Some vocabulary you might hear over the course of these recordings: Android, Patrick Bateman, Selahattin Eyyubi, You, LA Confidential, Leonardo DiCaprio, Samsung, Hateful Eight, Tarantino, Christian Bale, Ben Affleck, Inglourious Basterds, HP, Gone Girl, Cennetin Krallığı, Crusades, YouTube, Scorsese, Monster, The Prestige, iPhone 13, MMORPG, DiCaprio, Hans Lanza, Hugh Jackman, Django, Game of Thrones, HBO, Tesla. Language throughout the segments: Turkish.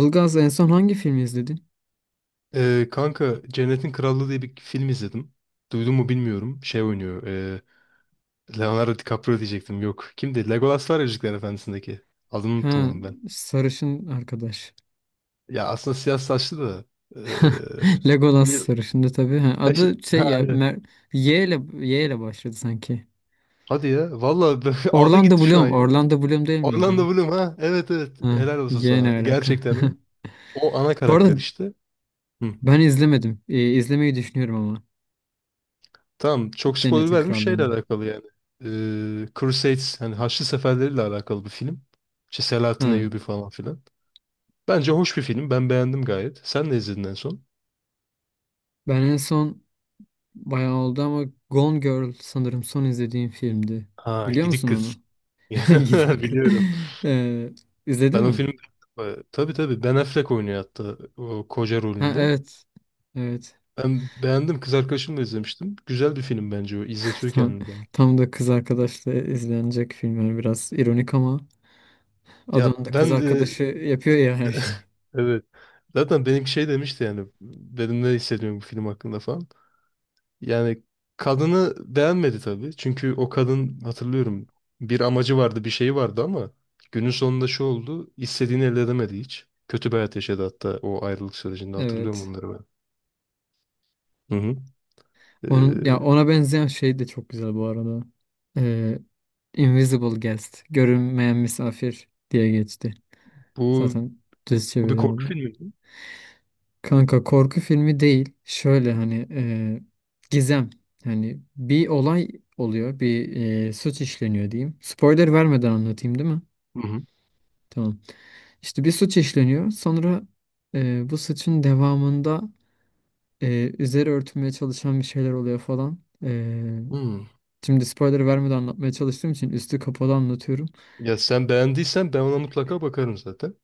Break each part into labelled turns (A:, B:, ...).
A: Ilgaz en son hangi filmi izledin?
B: Kanka Cennetin Krallığı diye bir film izledim. Duydun mu bilmiyorum. Şey oynuyor. Leonardo DiCaprio diyecektim. Yok. Kimdi? Legolas var ya Yüzükler Efendisi'ndeki. Adını unuttum
A: Ha,
B: onun ben.
A: sarışın arkadaş.
B: Ya aslında siyah saçlı da. ee,
A: Legolas
B: bir-
A: sarışındı tabii. Ha, adı şey
B: Ha,
A: ya
B: evet.
A: Mer- Y ile Y ile başladı sanki.
B: Hadi ya. Valla, aldı
A: Orlando
B: gitti şu an
A: Bloom,
B: ya.
A: Orlando Bloom değil miydi ya?
B: Orlando Bloom ha. Evet, evet.
A: Ha,
B: Helal olsun
A: Y
B: sana.
A: ne alaka?
B: Gerçekten o. O ana
A: Bu arada
B: karakter işte. Hı.
A: ben izlemedim. İzlemeyi düşünüyorum ama
B: Tamam, çok spoiler
A: Cennetin
B: vermiş şeyle
A: Krallığı'nı.
B: alakalı yani. Crusades hani Haçlı Seferleri'yle alakalı bir film. İşte
A: Ha,
B: Selahattin Eyyubi falan filan. Bence hoş bir film. Ben beğendim gayet. Sen ne izledin en son?
A: ben en son bayağı oldu ama Gone Girl sanırım son izlediğim filmdi.
B: Ha,
A: Biliyor
B: gidik
A: musun
B: kız.
A: onu? Gidip-
B: Biliyorum.
A: Ee, izledin
B: Ben o
A: mi?
B: film Tabii, tabii, Ben Affleck oynuyor hatta o koca
A: Ha,
B: rolünde.
A: evet. Evet.
B: Ben beğendim. Kız arkadaşımla izlemiştim. Güzel bir film bence o. İzletiyor
A: Tam,
B: kendini bana.
A: tam da kız arkadaşla izlenecek film. Yani biraz ironik ama
B: Ya
A: adam da
B: ben
A: kız
B: e,
A: arkadaşı yapıyor ya her şeyi.
B: evet. Zaten benim şey demişti yani. Benim ne hissediyorum bu film hakkında falan. Yani kadını beğenmedi tabii. Çünkü o kadın, hatırlıyorum, bir amacı vardı, bir şeyi vardı ama günün sonunda şu oldu: istediğini elde edemedi hiç. Kötü bir hayat yaşadı, hatta o ayrılık sürecinde hatırlıyorum
A: Evet.
B: onları ben. Hı hı. Ee,
A: Onun ya ona benzeyen şey de çok güzel bu arada. Ee, Invisible Guest, görünmeyen misafir diye geçti.
B: bu,
A: Zaten düz
B: bu bir
A: çeviri
B: korku
A: oldu.
B: filmi mi?
A: Kanka korku filmi değil. Şöyle hani gizem. Hani bir olay oluyor, bir suç işleniyor diyeyim. Spoiler vermeden anlatayım, değil mi?
B: Hı hı.
A: Tamam. İşte bir suç işleniyor. Sonra bu suçun devamında üzeri örtülmeye çalışan bir şeyler oluyor falan. E,
B: Hmm.
A: Şimdi spoiler vermeden anlatmaya çalıştığım için üstü kapalı anlatıyorum.
B: Ya sen beğendiysen ben ona mutlaka bakarım zaten.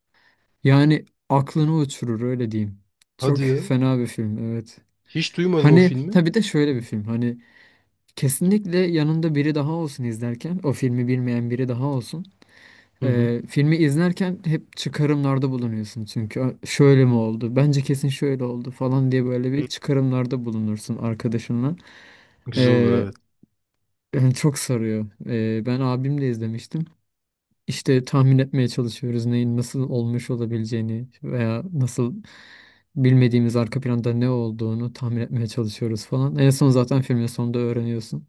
A: Yani aklını uçurur öyle diyeyim. Çok
B: Hadi ya.
A: fena bir film, evet.
B: Hiç duymadım o
A: Hani
B: filmi.
A: tabii de şöyle
B: Hı
A: bir film. Hani kesinlikle yanında biri daha olsun izlerken. O filmi bilmeyen biri daha olsun.
B: hı.
A: Filmi izlerken hep çıkarımlarda bulunuyorsun, çünkü "Aa, şöyle mi oldu? Bence kesin şöyle oldu" falan diye böyle bir
B: Hı.
A: çıkarımlarda bulunursun arkadaşınla.
B: Güzel olur,
A: Ee,
B: evet.
A: Yani çok sarıyor. Ben abimle izlemiştim. İşte tahmin etmeye çalışıyoruz neyin nasıl olmuş olabileceğini veya nasıl bilmediğimiz arka planda ne olduğunu tahmin etmeye çalışıyoruz falan. En son zaten filmin sonunda öğreniyorsun.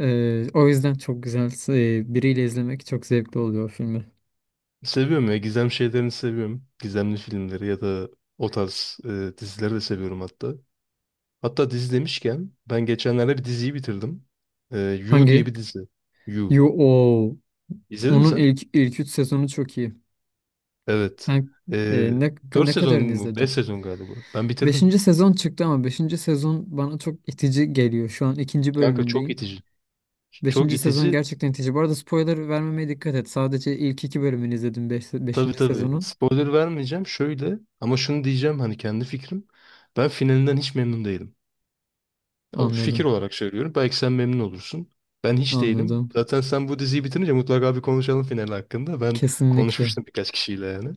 A: O yüzden çok güzel. Biriyle izlemek çok zevkli oluyor o filmi.
B: Seviyorum ya, gizem şeylerini seviyorum. Gizemli filmleri ya da o tarz dizileri de seviyorum hatta. Hatta dizi demişken ben geçenlerde bir diziyi bitirdim. You diye
A: Hangi?
B: bir dizi. You.
A: Yo, o
B: İzledin mi
A: onun
B: sen?
A: ilk 3 sezonu çok iyi.
B: Evet.
A: Yani,
B: Ee,
A: ne
B: 4
A: ne
B: sezon
A: kadarını
B: mu? 5
A: izledin?
B: sezon galiba. Ben bitirdim.
A: Beşinci sezon çıktı, ama beşinci sezon bana çok itici geliyor. Şu an ikinci
B: Kanka çok
A: bölümündeyim.
B: itici. Çok
A: Beşinci sezon
B: itici.
A: gerçekten itici. Bu arada spoiler vermemeye dikkat et. Sadece ilk iki bölümünü izledim,
B: Tabii,
A: beşinci
B: tabii.
A: sezonun.
B: Spoiler vermeyeceğim. Şöyle ama şunu diyeceğim, hani kendi fikrim. Ben finalinden hiç memnun değilim. O fikir
A: Anladım.
B: olarak söylüyorum. Belki sen memnun olursun. Ben hiç değilim.
A: Anladım.
B: Zaten sen bu diziyi bitirince mutlaka bir konuşalım final hakkında. Ben
A: Kesinlikle.
B: konuşmuştum birkaç kişiyle yani.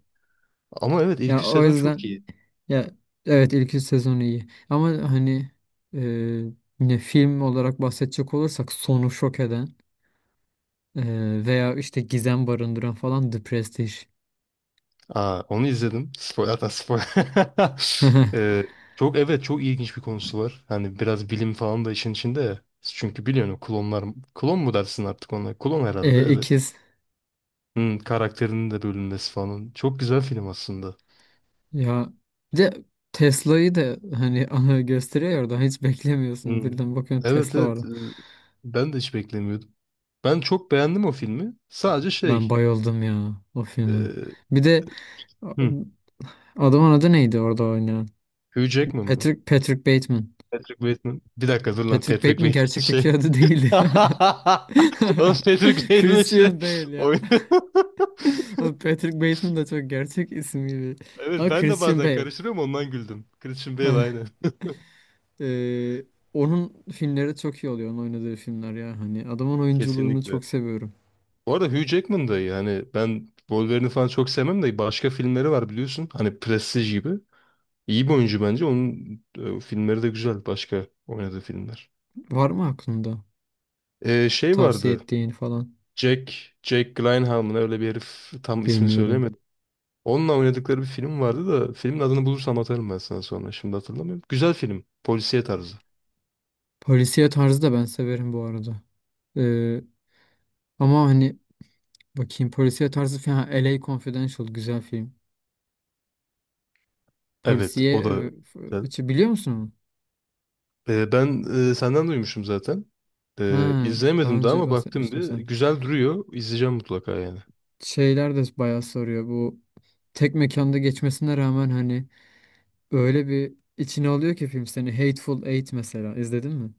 B: Ama evet, ilk
A: Ya
B: üç
A: o
B: sezon çok iyi.
A: yüzden ya, evet, ilk 3 sezonu iyi. Ama hani e, ne film olarak bahsedecek olursak sonu şok eden, Ee, veya işte gizem barındıran falan, The Prestige.
B: Aa, onu izledim. Spoiler, zaten spoiler. Ee, Çok, evet, çok ilginç bir konusu var. Hani biraz bilim falan da işin içinde ya. Çünkü biliyorsun o klonlar, klon mu dersin artık ona? Klon herhalde, evet.
A: İkiz.
B: Hmm, karakterinin de bölünmesi falan. Çok güzel film aslında.
A: Ya bir de Tesla'yı da hani gösteriyor ya, oradan hiç beklemiyorsun.
B: Hmm.
A: Birden bakıyorsun
B: Evet,
A: Tesla var.
B: evet. Ben de hiç beklemiyordum. Ben çok beğendim o filmi. Sadece
A: Ben
B: şey
A: bayıldım ya o
B: e,
A: filme. Bir de a-
B: hmm,
A: adamın adı neydi orada oynayan?
B: Hugh Jackman mı?
A: Patrick Bateman.
B: Patrick Bateman. Bir dakika dur lan,
A: Patrick
B: Patrick
A: Bateman
B: Bateman
A: gerçekteki
B: şey.
A: adı değildi.
B: Oğlum, Patrick Bateman
A: Christian
B: işte
A: Bale ya.
B: oynuyor.
A: Oğlum Patrick Bateman da çok gerçek isim gibi.
B: Evet,
A: Ama
B: ben de
A: Christian
B: bazen
A: Bale.
B: karıştırıyorum, ondan güldüm. Christian Bale, aynen.
A: Ee, onun filmleri çok iyi oluyor. Onun oynadığı filmler ya. Hani adamın oyunculuğunu
B: Kesinlikle.
A: çok seviyorum.
B: Bu arada Hugh Jackman da iyi. Hani ben Wolverine'i falan çok sevmem de başka filmleri var biliyorsun. Hani Prestige gibi. İyi bir oyuncu bence. Onun filmleri de güzel. Başka oynadığı filmler.
A: Var mı aklında?
B: Şey
A: Tavsiye
B: vardı.
A: ettiğin falan.
B: Jack, Jack Gyllenhaal mı ne, öyle bir herif, tam ismini
A: Bilmiyorum.
B: söyleyemedim. Onunla oynadıkları bir film vardı da filmin adını bulursam atarım ben sana sonra. Şimdi hatırlamıyorum. Güzel film. Polisiye tarzı.
A: Polisiye tarzı da ben severim bu arada. Ee, ama hani bakayım polisiye tarzı falan. Ha, LA Confidential güzel film.
B: Evet,
A: Polisiye
B: o da
A: f-
B: güzel.
A: içi biliyor musun onu?
B: Ben senden duymuşum zaten.
A: Ha, daha
B: İzlemedim daha
A: önce
B: ama baktım
A: bahsetmiştim
B: bir.
A: sen.
B: Güzel duruyor. İzleyeceğim mutlaka yani.
A: Şeyler de bayağı soruyor. Bu tek mekanda geçmesine rağmen hani öyle bir içine alıyor ki film seni. Hateful Eight mesela izledin mi?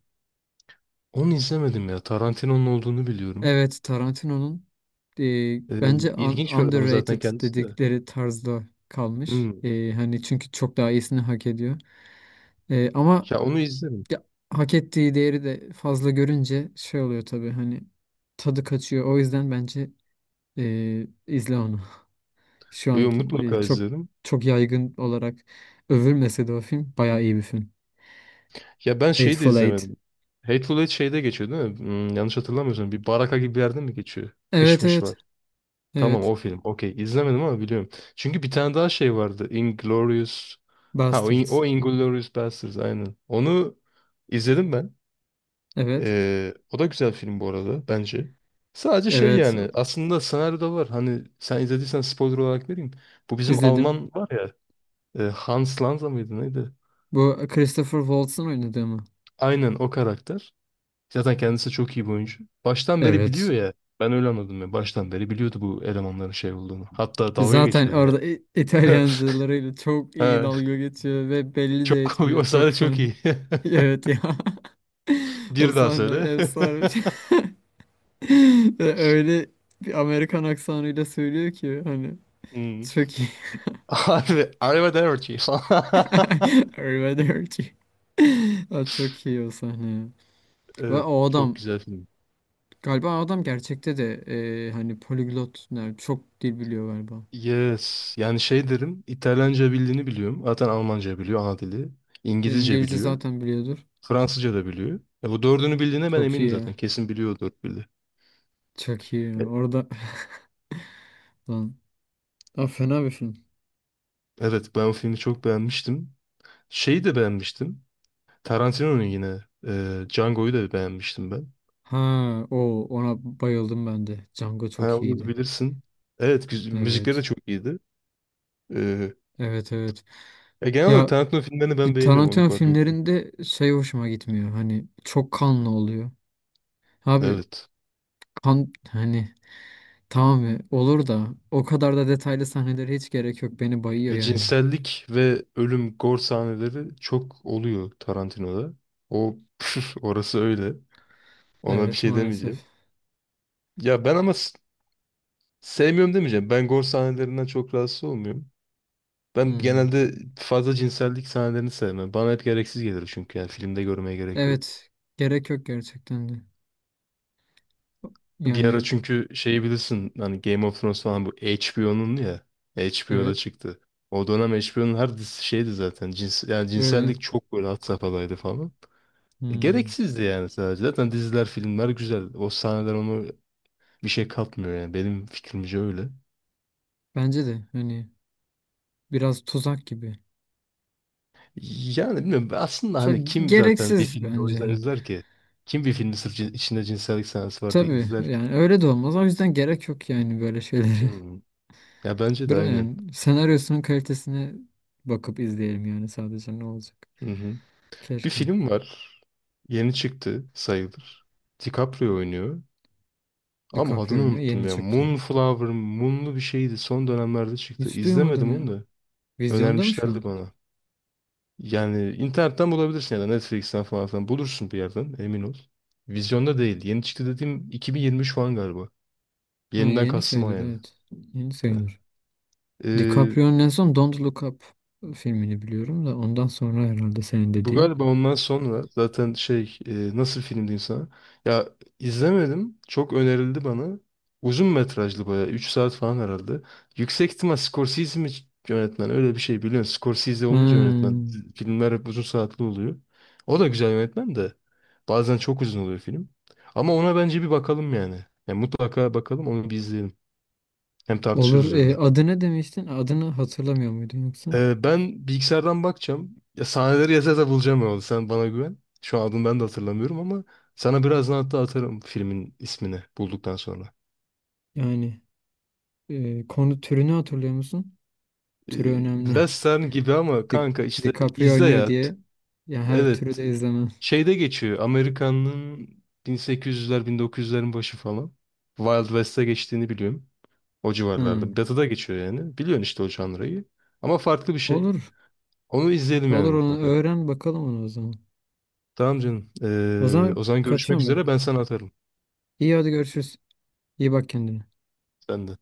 B: Onu izlemedim ya. Tarantino'nun olduğunu biliyorum.
A: Evet, Tarantino'nun
B: Ee,
A: bence un-
B: ilginç bir adam zaten
A: underrated
B: kendisi de.
A: dedikleri tarzda kalmış.
B: Hmm.
A: E, hani çünkü çok daha iyisini hak ediyor. Ama
B: Ya onu izlerim.
A: ya, hak ettiği değeri de fazla görünce şey oluyor tabii, hani tadı kaçıyor. O yüzden bence izle onu. Şu an
B: Yo, mutlaka
A: çok
B: izlerim.
A: çok yaygın olarak övülmese de o film bayağı iyi bir film.
B: Ya ben şeyi de
A: Hateful Eight.
B: izlemedim. Hateful Eight şeyde geçiyor değil mi? Hmm, yanlış hatırlamıyorsam bir baraka gibi bir yerde mi geçiyor?
A: Evet,
B: Kışmış
A: evet,
B: var. Tamam,
A: evet.
B: o film. Okey. İzlemedim ama biliyorum. Çünkü bir tane daha şey vardı. Inglourious. Ha o, In-
A: Bastards.
B: o Inglourious Basterds, aynen. Onu izledim ben.
A: Evet.
B: O da güzel film bu arada bence. Sadece şey
A: Evet,
B: yani, aslında senaryoda var. Hani sen izlediysen spoiler olarak vereyim. Bu bizim
A: izledim.
B: Alman var ya, Hans Lanza mıydı neydi?
A: Bu Christopher Waltz'ın oynadığı mı?
B: Aynen o karakter. Zaten kendisi çok iyi bir oyuncu. Baştan beri biliyor
A: Evet.
B: ya. Ben öyle anladım ya. Baştan beri biliyordu bu elemanların şey olduğunu. Hatta dalga
A: Zaten
B: geçiyordu yani.
A: orada İ- İtalyancılarıyla çok iyi dalga geçiyor ve belli de
B: Çok
A: etmiyor.
B: o
A: Çok
B: sahne çok
A: fena.
B: iyi.
A: Evet ya. O
B: Bir daha
A: sahne
B: söyle.
A: efsane bir şey. Ve öyle bir Amerikan aksanıyla söylüyor ki hani
B: Hmm.
A: çok iyi.
B: Harbi, harbi.
A: Arrivederci. Aa, çok iyi o sahne ya. Ve
B: Evet,
A: o
B: çok
A: adam
B: güzel film.
A: galiba, o adam gerçekte de hani poliglot, yani çok dil biliyor galiba.
B: Yes. Yani şey derim, İtalyanca bildiğini biliyorum. Zaten Almanca biliyor, ana dili.
A: E,
B: İngilizce
A: İngilizce
B: biliyor.
A: zaten biliyordu.
B: Fransızca da biliyor. Bu dördünü bildiğine ben
A: Çok iyi
B: eminim zaten.
A: ya.
B: Kesin biliyor o dört dili.
A: Çok iyi
B: E,
A: ya. Orada lan. Aa, fena bir film.
B: evet, ben o filmi çok beğenmiştim. Şeyi de beğenmiştim. Tarantino'nun yine. Django'yu da beğenmiştim ben.
A: Ha, o, ona bayıldım ben de. Django
B: Ha,
A: çok
B: onu
A: iyiydi.
B: bilirsin. Evet, müzikleri de
A: Evet.
B: çok iyiydi. E,
A: Evet, evet.
B: Ya genel olarak
A: Ya
B: Tarantino filmlerini ben
A: bir
B: beğeniyorum, onu
A: Tarantino
B: fark ettim.
A: filmlerinde şey hoşuma gitmiyor. Hani çok kanlı oluyor. Abi
B: Evet.
A: kan hani tamam ya, olur da o kadar da detaylı sahnelere hiç gerek yok. Beni bayıyor
B: Ya,
A: yani.
B: cinsellik ve ölüm gore sahneleri çok oluyor Tarantino'da. O orası öyle. Ona bir
A: Evet,
B: şey
A: maalesef.
B: demeyeceğim. Ya ben ama sevmiyorum demeyeceğim. Ben gore sahnelerinden çok rahatsız olmuyorum. Ben
A: Hmm.
B: genelde fazla cinsellik sahnelerini sevmem. Bana hep gereksiz gelir, çünkü yani filmde görmeye gerek yok.
A: Evet. Gerek yok gerçekten de.
B: Bir ara,
A: Yani
B: çünkü şey bilirsin hani Game of Thrones falan, bu HBO'nun ya. HBO'da
A: evet.
B: çıktı. O dönem HBO'nun her dizisi şeydi zaten. Cins, yani
A: Öyle.
B: cinsellik çok böyle had safhadaydı falan.
A: Hmm.
B: Gereksizdi yani sadece. Zaten diziler, filmler güzel. O sahneler onu, bir şey katmıyor yani. Benim fikrimce öyle.
A: Bence de hani biraz tuzak gibi.
B: Yani bilmiyorum aslında,
A: Çok
B: hani
A: ge-
B: kim zaten bir
A: gereksiz
B: filmi o yüzden
A: bence.
B: izler ki? Kim bir filmi sırf içinde cinsellik sahnesi var diye
A: Tabii
B: izler ki?
A: yani öyle de olmaz. O yüzden gerek yok yani böyle şeylere.
B: Hmm. Ya bence de
A: Bıra-
B: aynen.
A: yani senaryosunun kalitesine bakıp izleyelim yani sadece, ne olacak.
B: Hı hı. Bir
A: Keşke.
B: film var. Yeni çıktı sayılır. DiCaprio oynuyor. Ama
A: DiCaprio
B: adını
A: oynuyor.
B: unuttum
A: Yeni
B: ya.
A: çıktı.
B: Moonflower, Moonlu bir şeydi. Son dönemlerde çıktı.
A: Hiç duymadım
B: İzlemedim
A: ya.
B: onu da.
A: Vizyonda mı şu
B: Önermişlerdi
A: an?
B: bana. Yani internetten bulabilirsin ya da Netflix'ten falan filan. Bulursun bir yerden, emin ol. Vizyonda değil. Yeni çıktı dediğim 2023 falan galiba.
A: Ha,
B: Yeniden
A: yeni
B: kastım o
A: sayılır,
B: yani.
A: evet. Yeni sayılır.
B: Heh.
A: DiCaprio'nun en son Don't Look Up filmini biliyorum, da ondan sonra herhalde senin
B: Bu
A: dediğin.
B: galiba ondan sonra zaten şey, nasıl film diyeyim sana? Ya izlemedim. Çok önerildi bana. Uzun metrajlı bayağı. 3 saat falan herhalde. Yüksek ihtimal Scorsese mi yönetmen? Öyle bir şey biliyorsun. Scorsese
A: Ha.
B: olunca yönetmen, filmler hep uzun saatli oluyor. O da güzel yönetmen de. Bazen çok uzun oluyor film. Ama ona bence bir bakalım yani. Yani mutlaka bakalım, onu bir izleyelim. Hem tartışırız
A: Olur. E,
B: üzerine.
A: adı ne demiştin? Adını hatırlamıyor muydun yoksa?
B: Ben bilgisayardan bakacağım. Ya sahneleri yaza yaza bulacağım ya. Sen bana güven. Şu an adını ben de hatırlamıyorum ama sana birazdan hatta atarım filmin ismini bulduktan sonra.
A: Yani konu türünü hatırlıyor musun? Türü
B: Ee,
A: önemli.
B: Western gibi ama
A: Di
B: kanka işte
A: DiCaprio
B: izle
A: oynuyor
B: ya.
A: diye ya her türü
B: Evet.
A: de izlemem.
B: Şeyde geçiyor. Amerika'nın 1800'ler, 1900'lerin başı falan. Wild West'e geçtiğini biliyorum. O
A: Ha.
B: civarlarda. Batı'da geçiyor yani. Biliyorsun işte o janrayı. Ama farklı bir şey.
A: Olur.
B: Onu izleyelim yani
A: Olur, onu
B: mutlaka.
A: öğren bakalım onu o zaman.
B: Tamam canım.
A: O zaman
B: O zaman görüşmek
A: kaçıyorum ben.
B: üzere. Ben sana atarım.
A: İyi, hadi görüşürüz. İyi bak kendine.
B: Sen de.